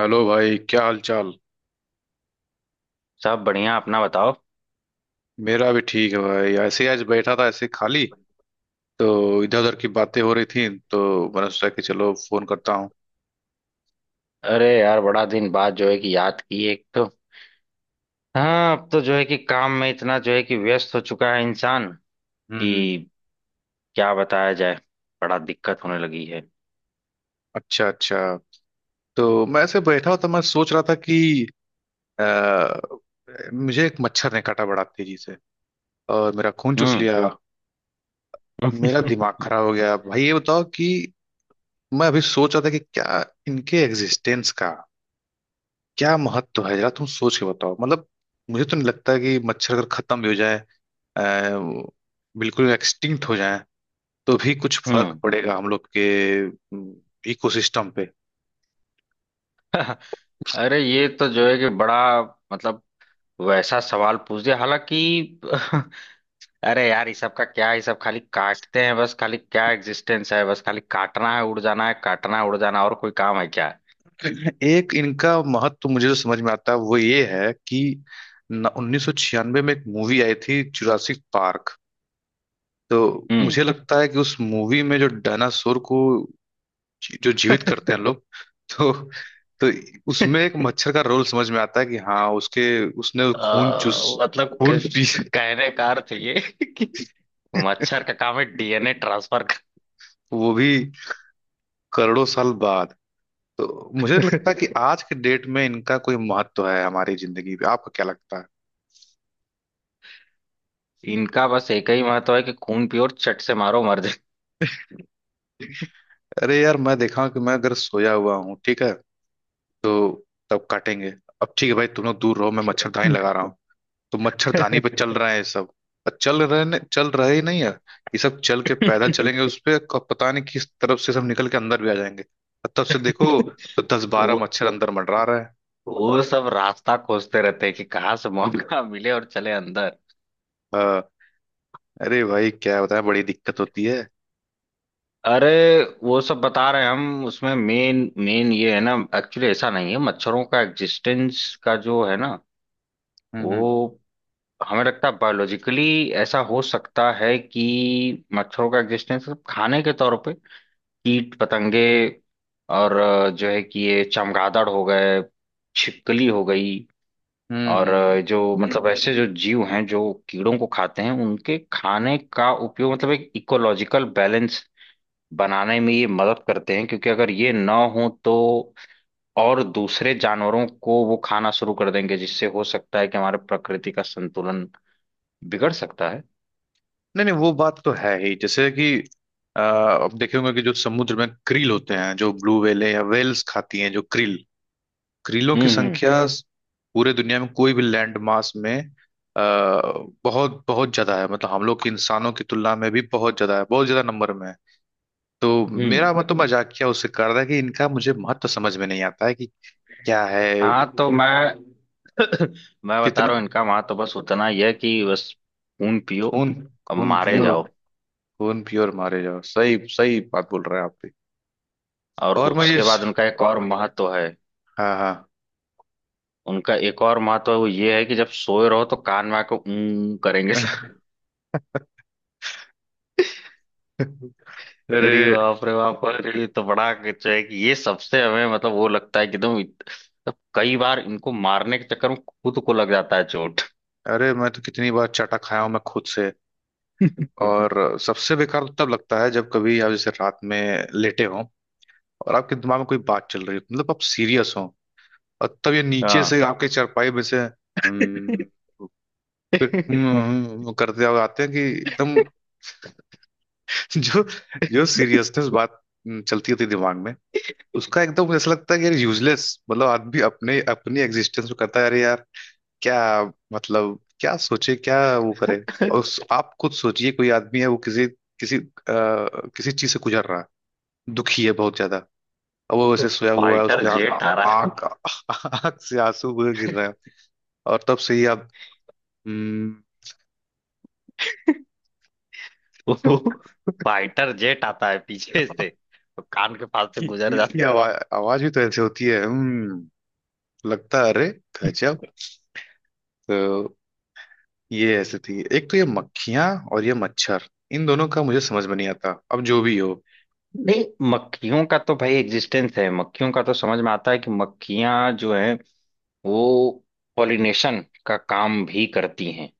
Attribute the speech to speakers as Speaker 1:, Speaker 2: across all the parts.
Speaker 1: Hello भाई, क्या हाल चाल।
Speaker 2: सब बढ़िया। अपना बताओ।
Speaker 1: मेरा भी ठीक है भाई, ऐसे ही आज बैठा था ऐसे खाली। तो इधर उधर की बातें हो रही थी, तो मैंने सोचा कि चलो फोन करता हूँ।
Speaker 2: अरे यार, बड़ा दिन बाद जो है कि याद की एक तो। हाँ, अब तो जो है कि काम में इतना जो है कि व्यस्त हो चुका है इंसान
Speaker 1: हम्म।
Speaker 2: कि क्या बताया जाए। बड़ा दिक्कत होने लगी है।
Speaker 1: अच्छा अच्छा। तो मैं ऐसे बैठा हुआ था, मैं सोच रहा था कि अ, मुझे एक मच्छर ने काटा, बड़ा तेजी से, और मेरा खून चूस
Speaker 2: हम्म।
Speaker 1: लिया। और मेरा दिमाग खराब हो गया। भाई ये बताओ कि मैं अभी सोच रहा था कि क्या इनके एग्जिस्टेंस का क्या महत्व है? जरा तुम सोच के बताओ, मतलब मुझे तो नहीं लगता कि मच्छर अगर खत्म भी हो जाए, बिल्कुल एक्सटिंक्ट हो जाए, तो भी कुछ फर्क
Speaker 2: हम्म।
Speaker 1: पड़ेगा हम लोग के इकोसिस्टम पे।
Speaker 2: अरे, ये तो जो है कि बड़ा मतलब वैसा सवाल पूछ दिया हालांकि। अरे यार, ये सब का क्या है। ये सब खाली काटते हैं, बस खाली, क्या एग्जिस्टेंस है। बस खाली काटना है, उड़ जाना है, काटना है, उड़ जाना है, और कोई काम है क्या।
Speaker 1: एक इनका महत्व मुझे जो समझ में आता है वो ये है कि 1996 में एक मूवी आई थी, जुरासिक पार्क। तो
Speaker 2: हम्म।
Speaker 1: मुझे लगता है कि उस मूवी में जो डायनासोर को जो जीवित करते हैं लोग, तो तो उसमें एक मच्छर का रोल समझ में आता है कि हाँ, उसके, उसने खून
Speaker 2: आ,
Speaker 1: चूस,
Speaker 2: मतलब
Speaker 1: खून पी,
Speaker 2: कहने का अर्थ ये कि मच्छर का काम है डीएनए ट्रांसफर का।
Speaker 1: वो भी करोड़ों साल बाद। तो मुझे लगता है कि आज के डेट में इनका कोई महत्व है हमारी जिंदगी पे? आपको क्या लगता है?
Speaker 2: इनका बस एक ही महत्व है कि खून पियो और चट से मारो, मर
Speaker 1: अरे यार, मैं देखा कि मैं अगर सोया हुआ हूँ, ठीक है, तो तब काटेंगे। अब ठीक है भाई, तुम लोग दूर रहो, मैं मच्छरदानी
Speaker 2: जाए।
Speaker 1: लगा रहा हूँ। तो मच्छरदानी पे चल रहा है ये सब। और चल रहे ही नहीं है, ये सब चल के पैदल चलेंगे उस पे, पता नहीं किस तरफ से सब निकल के अंदर भी आ जाएंगे। और तब से देखो, तो दस
Speaker 2: वो
Speaker 1: बारह मच्छर अंदर मंडरा रहे हैं।
Speaker 2: वो सब रास्ता खोजते रहते हैं कि कहाँ से मौका मिले और चले अंदर।
Speaker 1: हाँ, अरे भाई क्या बताएं, बड़ी दिक्कत होती है।
Speaker 2: अरे, वो सब बता रहे हैं। हम उसमें मेन मेन ये है ना, एक्चुअली ऐसा नहीं है मच्छरों का एग्जिस्टेंस का, जो है ना।
Speaker 1: हम्म हम्म
Speaker 2: वो हमें लगता है बायोलॉजिकली ऐसा हो सकता है कि मच्छरों का एग्जिस्टेंस खाने के तौर पे, कीट पतंगे, और जो है कि ये चमगादड़ हो गए, छिपकली हो गई,
Speaker 1: हम्म
Speaker 2: और
Speaker 1: हम्म।
Speaker 2: जो मतलब ऐसे जो जीव हैं जो कीड़ों को खाते हैं, उनके खाने का उपयोग, मतलब एक इकोलॉजिकल बैलेंस बनाने में ये मदद करते हैं। क्योंकि अगर ये ना हो तो और दूसरे जानवरों को वो खाना शुरू कर देंगे, जिससे हो सकता है कि हमारे प्रकृति का संतुलन बिगड़ सकता है।
Speaker 1: नहीं नहीं, वो बात तो है ही, जैसे कि आप देखे होंगे कि जो समुद्र में क्रिल होते हैं, जो ब्लू व्हेल या व्हेल्स खाती हैं, जो क्रिल क्रीलों की
Speaker 2: हम्म। हम्म।
Speaker 1: संख्या पूरे दुनिया में कोई भी लैंड मास में आ, बहुत बहुत ज्यादा है। मतलब हम लोग के इंसानों की तुलना में भी बहुत ज्यादा है, बहुत ज्यादा नंबर में है। तो
Speaker 2: हम्म।
Speaker 1: मेरा मतलब मजाकिया उससे कर रहा था कि इनका मुझे महत्व समझ में नहीं आता है कि क्या है।
Speaker 2: हाँ, तो मैं मैं बता
Speaker 1: कितना
Speaker 2: रहा हूँ, इनका वहां तो बस उतना ही है कि बस खून पियो
Speaker 1: खून,
Speaker 2: और
Speaker 1: खून
Speaker 2: मारे
Speaker 1: पियो,
Speaker 2: जाओ।
Speaker 1: खून पियो और मारे जाओ। सही सही बात बोल रहे हैं आप भी।
Speaker 2: और
Speaker 1: और मैं ये,
Speaker 2: उसके बाद उनका एक और महत्व है।
Speaker 1: हाँ हाँ।
Speaker 2: उनका एक और महत्व है, वो ये है कि जब सोए रहो तो कान में आके ऊं करेंगे। अरे
Speaker 1: अरे,
Speaker 2: बाप रे बाप, अरे ये तो बड़ा कुछ है कि ये सबसे हमें मतलब वो लगता है कि एकदम मतलब कई बार इनको मारने के चक्कर में खुद को लग जाता है चोट।
Speaker 1: अरे मैं तो कितनी बार चाटा खाया हूं मैं खुद से। और सबसे बेकार तो तब लगता है जब कभी आप जैसे रात में लेटे हो, और आपके दिमाग में कोई बात चल रही हो, मतलब आप सीरियस हो, और तब ये नीचे से
Speaker 2: हाँ।
Speaker 1: आपके चारपाई में से फिर करते हुए आते हैं कि एकदम जो जो सीरियसनेस बात चलती होती है दिमाग में, उसका एकदम ऐसा लगता है कि यार यूजलेस, मतलब आदमी अपने अपनी एग्जिस्टेंस में करता है, अरे यार क्या, मतलब क्या सोचे, क्या वो करे। और आप खुद सोचिए, कोई आदमी है, वो किसी किसी अ, किसी चीज से गुजर रहा है, दुखी है बहुत ज्यादा। अब वो वैसे सोया हुआ है,
Speaker 2: फाइटर
Speaker 1: उसके
Speaker 2: जेट आ।
Speaker 1: आंख आंख से आंसू बह गिर रहे हैं। और तब से ही आप हम्म,
Speaker 2: फाइटर जेट आता है पीछे से, तो कान के पास से
Speaker 1: की
Speaker 2: गुजर
Speaker 1: इसकी
Speaker 2: जाता
Speaker 1: आवाज आवाज भी तो ऐसे होती है। लगता है, अरे गजब। तो ये ऐसे थी, एक तो ये मक्खियां और ये मच्छर, इन दोनों का मुझे समझ में नहीं आता, अब जो भी हो।
Speaker 2: है। नहीं, मक्खियों का तो भाई एग्जिस्टेंस है। मक्खियों का तो समझ में आता है कि मक्खियां जो हैं वो पॉलिनेशन का काम भी करती हैं।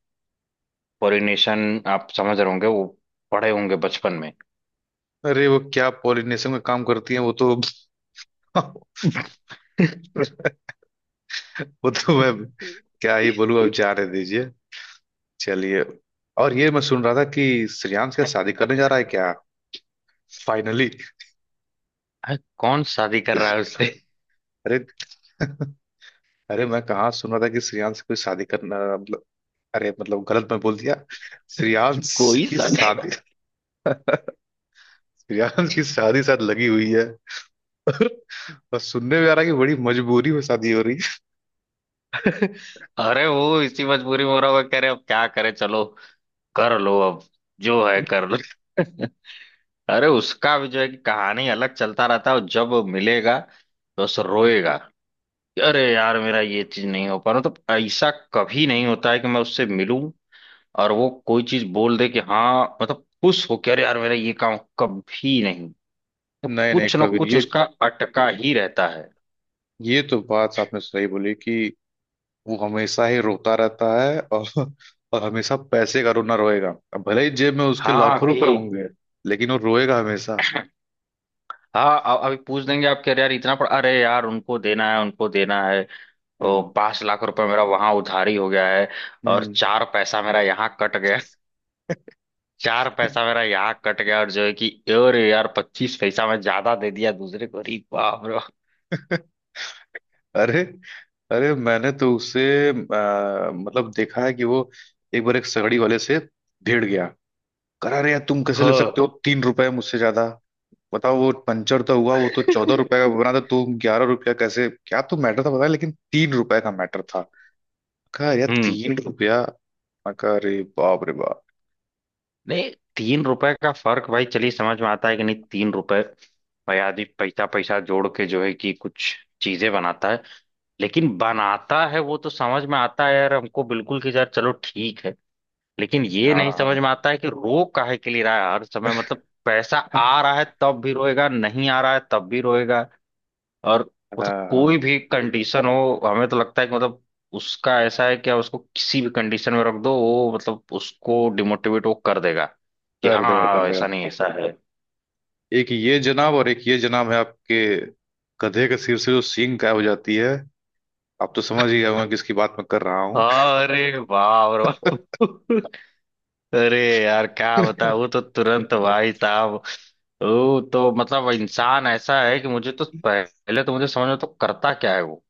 Speaker 2: पॉलिनेशन, आप समझ रहे होंगे, वो पढ़े होंगे बचपन में।
Speaker 1: अरे वो क्या पॉलिनेशन का काम करती है, वो तो। वो तो मैं क्या ही बोलूं, अब जाने दीजिए। चलिए। और ये मैं सुन रहा था कि श्रेयांश क्या शादी करने जा रहा है क्या, फाइनली?
Speaker 2: अरे, कौन शादी कर रहा है उससे।
Speaker 1: अरे। अरे मैं कहाँ सुन रहा था कि श्रेयांश से कोई शादी करना, मतलब, अरे मतलब गलत मैं बोल दिया। श्रेयांश
Speaker 2: कोई
Speaker 1: की
Speaker 2: शादी।
Speaker 1: शादी, श्रेयांश की शादी साथ लगी हुई है। और सुनने में आ रहा है कि बड़ी मजबूरी में शादी हो रही
Speaker 2: अरे, वो इसी मजबूरी में हो रहा होगा, कह रहे अब क्या करे, चलो कर लो अब, जो है
Speaker 1: है।
Speaker 2: कर लो। अरे, उसका भी जो है कि कहानी अलग चलता रहता है, और जब वो मिलेगा तो बस रोएगा कि अरे यार, मेरा ये चीज नहीं हो पा रहा। मतलब ऐसा कभी नहीं होता है कि मैं उससे मिलूं और वो कोई चीज बोल दे कि हाँ, मतलब खुश हो कि अरे यार, मेरा ये काम कभी नहीं। तो
Speaker 1: नहीं नहीं
Speaker 2: कुछ ना
Speaker 1: कबीर,
Speaker 2: कुछ
Speaker 1: ये
Speaker 2: उसका अटका ही रहता है।
Speaker 1: ये तो बात आपने सही बोली कि वो हमेशा ही रोता रहता है, और हमेशा पैसे का रोना रोएगा। अब भले ही जेब में उसके
Speaker 2: हाँ
Speaker 1: लाखों
Speaker 2: कि
Speaker 1: रुपए होंगे, लेकिन वो रोएगा हमेशा।
Speaker 2: हाँ, अभी पूछ देंगे, आप कह रहे यार इतना पड़, अरे यार उनको देना है, उनको देना है। तो
Speaker 1: हम्म
Speaker 2: 5 लाख रुपए मेरा वहां उधारी हो गया है। और
Speaker 1: हम्म।
Speaker 2: 4 पैसा मेरा यहाँ कट गया। 4 पैसा मेरा यहाँ कट गया और जो है कि, और यार, 25 पैसा मैं ज्यादा दे दिया दूसरे को, अरे बाप रे।
Speaker 1: अरे, अरे मैंने तो उसे मतलब देखा है कि वो एक बार एक सगड़ी वाले से भिड़ गया। करा रहे यार, तुम कैसे ले सकते
Speaker 2: हाँ।
Speaker 1: हो 3 रुपए मुझसे ज्यादा? बताओ, वो पंचर तो हुआ, वो तो 14 रुपए का बना था, तुम 11 रुपया कैसे। क्या तो मैटर था पता है? लेकिन 3 रुपए का मैटर था। कहा यार
Speaker 2: हम्म।
Speaker 1: 3 रुपया। मैं कहा, अरे बाप रे बाप।
Speaker 2: नहीं, 3 रुपए का फर्क भाई, चलिए समझ में आता है कि नहीं, 3 रुपए। भाई, आदमी पैसा पैसा जोड़ के जो है कि कुछ चीजें बनाता है। लेकिन बनाता है, वो तो समझ में आता है यार हमको, बिल्कुल कि यार चलो ठीक है। लेकिन ये नहीं समझ
Speaker 1: हाँ
Speaker 2: में आता है कि रो काहे के लिए रहा है हर समय, मतलब पैसा आ रहा है तब भी रोएगा, नहीं आ रहा है तब भी रोएगा। और मतलब
Speaker 1: हाँ।
Speaker 2: कोई भी कंडीशन हो, हमें तो लगता है कि मतलब उसका ऐसा है कि आप उसको किसी भी कंडीशन में रख दो, वो मतलब उसको डिमोटिवेट वो कर देगा कि
Speaker 1: कर देगा कर
Speaker 2: हाँ,
Speaker 1: देगा।
Speaker 2: ऐसा नहीं ऐसा है।
Speaker 1: एक ये जनाब और एक ये जनाब है आपके, गधे के सिर से जो सींग गायब हो जाती है। आप तो समझ ही गए होंगे किसकी बात मैं कर रहा हूँ।
Speaker 2: अरे वाह, अरे वाह। अरे यार, क्या बताऊँ, वो तो तुरंत भाई साहब, वो तो मतलब इंसान ऐसा है कि मुझे तो पहले तो मुझे समझ में तो करता क्या है वो।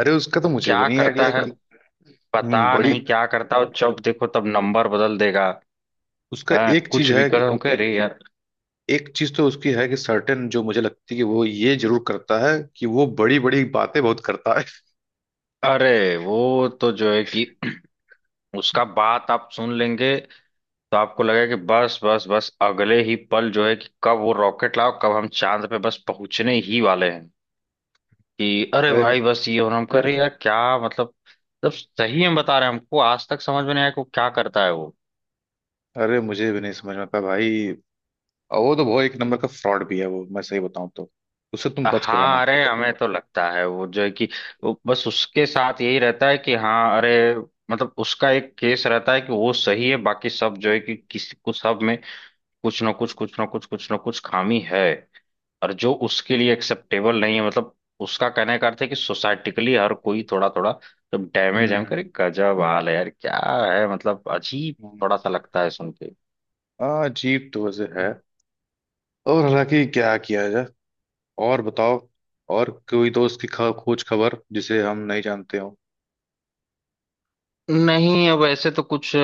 Speaker 1: अरे उसका तो
Speaker 2: तो
Speaker 1: मुझे भी
Speaker 2: क्या
Speaker 1: नहीं
Speaker 2: करता
Speaker 1: आइडिया
Speaker 2: है,
Speaker 1: कि
Speaker 2: पता
Speaker 1: बड़ी,
Speaker 2: नहीं क्या करता है, और जब देखो तब नंबर बदल देगा।
Speaker 1: उसका
Speaker 2: हाँ,
Speaker 1: एक चीज
Speaker 2: कुछ भी
Speaker 1: है
Speaker 2: करो कह रही।
Speaker 1: एक चीज तो उसकी है कि सर्टेन जो मुझे लगती है कि वो ये जरूर करता है कि वो बड़ी बड़ी बातें बहुत करता है।
Speaker 2: अरे, वो तो जो है कि उसका बात आप सुन लेंगे तो आपको लगेगा कि बस बस बस, अगले ही पल जो है कि कब वो रॉकेट लाओ, कब हम चांद पे बस पहुंचने ही वाले हैं। कि अरे
Speaker 1: अरे,
Speaker 2: भाई, बस ये और हम कर रहे हैं, यार क्या मतलब। मतलब सही में बता रहे हैं, हमको आज तक समझ में नहीं आया कि वो क्या करता है वो।
Speaker 1: अरे मुझे भी नहीं समझ में आता भाई। और वो तो बहुत एक नंबर का फ्रॉड भी है वो, मैं सही बताऊं तो उससे तुम बच कर रहना।
Speaker 2: हाँ, अरे हमें तो लगता है वो जो है कि वो बस उसके साथ यही रहता है कि हाँ अरे, मतलब उसका एक केस रहता है कि वो सही है, बाकी सब जो है कि किसी को, सब में कुछ ना कुछ कुछ ना कुछ कुछ ना कुछ खामी है। और जो उसके लिए एक्सेप्टेबल नहीं है, मतलब उसका कहने का अर्थ है कि सोसाइटिकली हर कोई थोड़ा थोड़ा जब डैमेज है,
Speaker 1: हम्म
Speaker 2: करे, गजब हाल है यार, क्या है, मतलब अजीब। थोड़ा
Speaker 1: हम्म।
Speaker 2: सा लगता है सुन के।
Speaker 1: हाँ, अजीब तो वजह है। और हालांकि क्या किया जाए। और बताओ, और कोई दोस्त की खोज खबर जिसे हम नहीं जानते हो?
Speaker 2: नहीं, अब ऐसे तो कुछ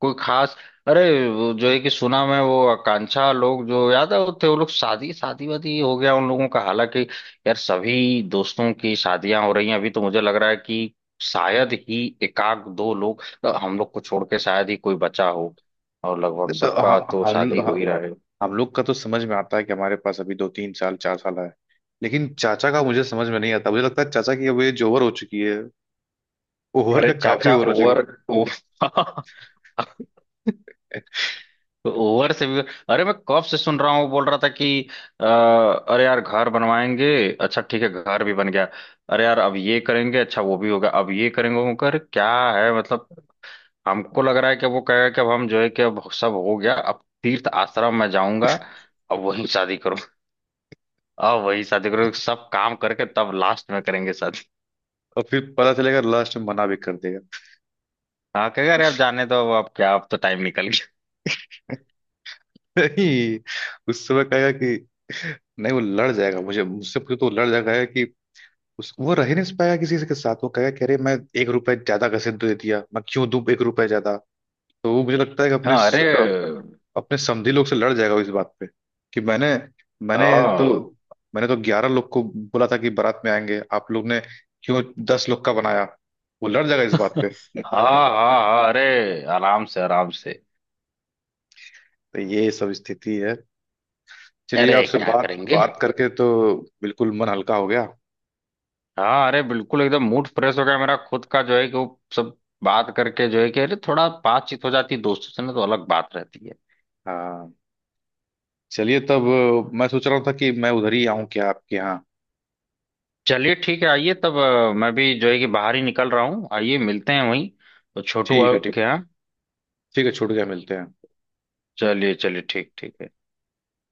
Speaker 2: कोई खास। अरे, वो जो है कि सुना मैं, वो आकांक्षा लोग जो याद है वो थे, वो लोग शादी शादी वादी हो गया उन लोगों का, हालांकि। यार, सभी दोस्तों की शादियां हो रही हैं अभी, तो मुझे लग रहा है कि शायद ही एकाग दो लोग हम लोग को छोड़ के शायद ही कोई बचा हो। और लगभग
Speaker 1: नहीं तो
Speaker 2: सबका तो शादी हो ही रहा है।
Speaker 1: हम लोग का तो समझ में आता है कि हमारे पास अभी 2-3 साल 4 साल है। लेकिन चाचा का मुझे समझ में नहीं आता, मुझे लगता है चाचा की अब एज ओवर हो चुकी है। ओवर
Speaker 2: अरे
Speaker 1: का काफी
Speaker 2: चाचा
Speaker 1: ओवर हो चुकी
Speaker 2: ओवर, ओ।
Speaker 1: है।
Speaker 2: ओवर से भी। अरे, मैं कब से सुन रहा हूँ वो बोल रहा था कि अरे यार घर बनवाएंगे। अच्छा ठीक है, घर भी बन गया। अरे यार, अब ये करेंगे, अच्छा वो भी होगा, अब ये करेंगे, वो कर क्या है मतलब। हमको लग रहा है कि अब वो कहेगा कि अब हम जो है कि अब सब हो गया, अब तीर्थ आश्रम में जाऊंगा। अब वही शादी करूँ, अब वही शादी करूँ, सब काम करके तब लास्ट में करेंगे शादी।
Speaker 1: और फिर पता चलेगा लास्ट में मना भी कर देगा।
Speaker 2: हाँ, कहेगा अरे अब जाने दो, अब क्या, अब तो टाइम निकल गया।
Speaker 1: नहीं, उस समय कहेगा कि नहीं, वो लड़ जाएगा। मुझे तो वो लड़ जाएगा कि उस वो रह नहीं पाया किसी से के साथ, वो कह कह रहे मैं 1 रुपए ज्यादा कैसे दे दिया, मैं क्यों दूं 1 रुपए ज्यादा। तो वो मुझे लगता है कि अपने
Speaker 2: हाँ, अरे
Speaker 1: अपने समधी लोग से लड़ जाएगा इस बात पे कि मैंने मैंने तो
Speaker 2: हाँ।
Speaker 1: मैंने तो 11 लोग को बोला था कि बारात में आएंगे, आप लोग ने क्यों 10 लोग का बनाया। वो लड़ जाएगा इस बात पे।
Speaker 2: हाँ हाँ हाँ, अरे आराम से, आराम से।
Speaker 1: तो ये सब स्थिति है। चलिए
Speaker 2: अरे
Speaker 1: आपसे
Speaker 2: क्या
Speaker 1: बात
Speaker 2: करेंगे।
Speaker 1: बात करके तो बिल्कुल मन हल्का हो गया।
Speaker 2: हाँ, अरे बिल्कुल एकदम मूड फ्रेश हो गया मेरा खुद का, जो है कि वो सब बात करके, जो है कि अरे थोड़ा बातचीत हो जाती है दोस्तों से ना, तो अलग बात रहती है।
Speaker 1: हाँ। चलिए तब, मैं सोच रहा था कि मैं उधर ही आऊं क्या आपके यहाँ?
Speaker 2: चलिए ठीक है, आइए तब, मैं भी जो है कि बाहर ही निकल रहा हूँ, आइए मिलते हैं वहीं, तो छोटू
Speaker 1: ठीक है, ठीक,
Speaker 2: के यहाँ।
Speaker 1: ठीक है, छूट गया, मिलते हैं।
Speaker 2: चलिए चलिए, ठीक ठीक है।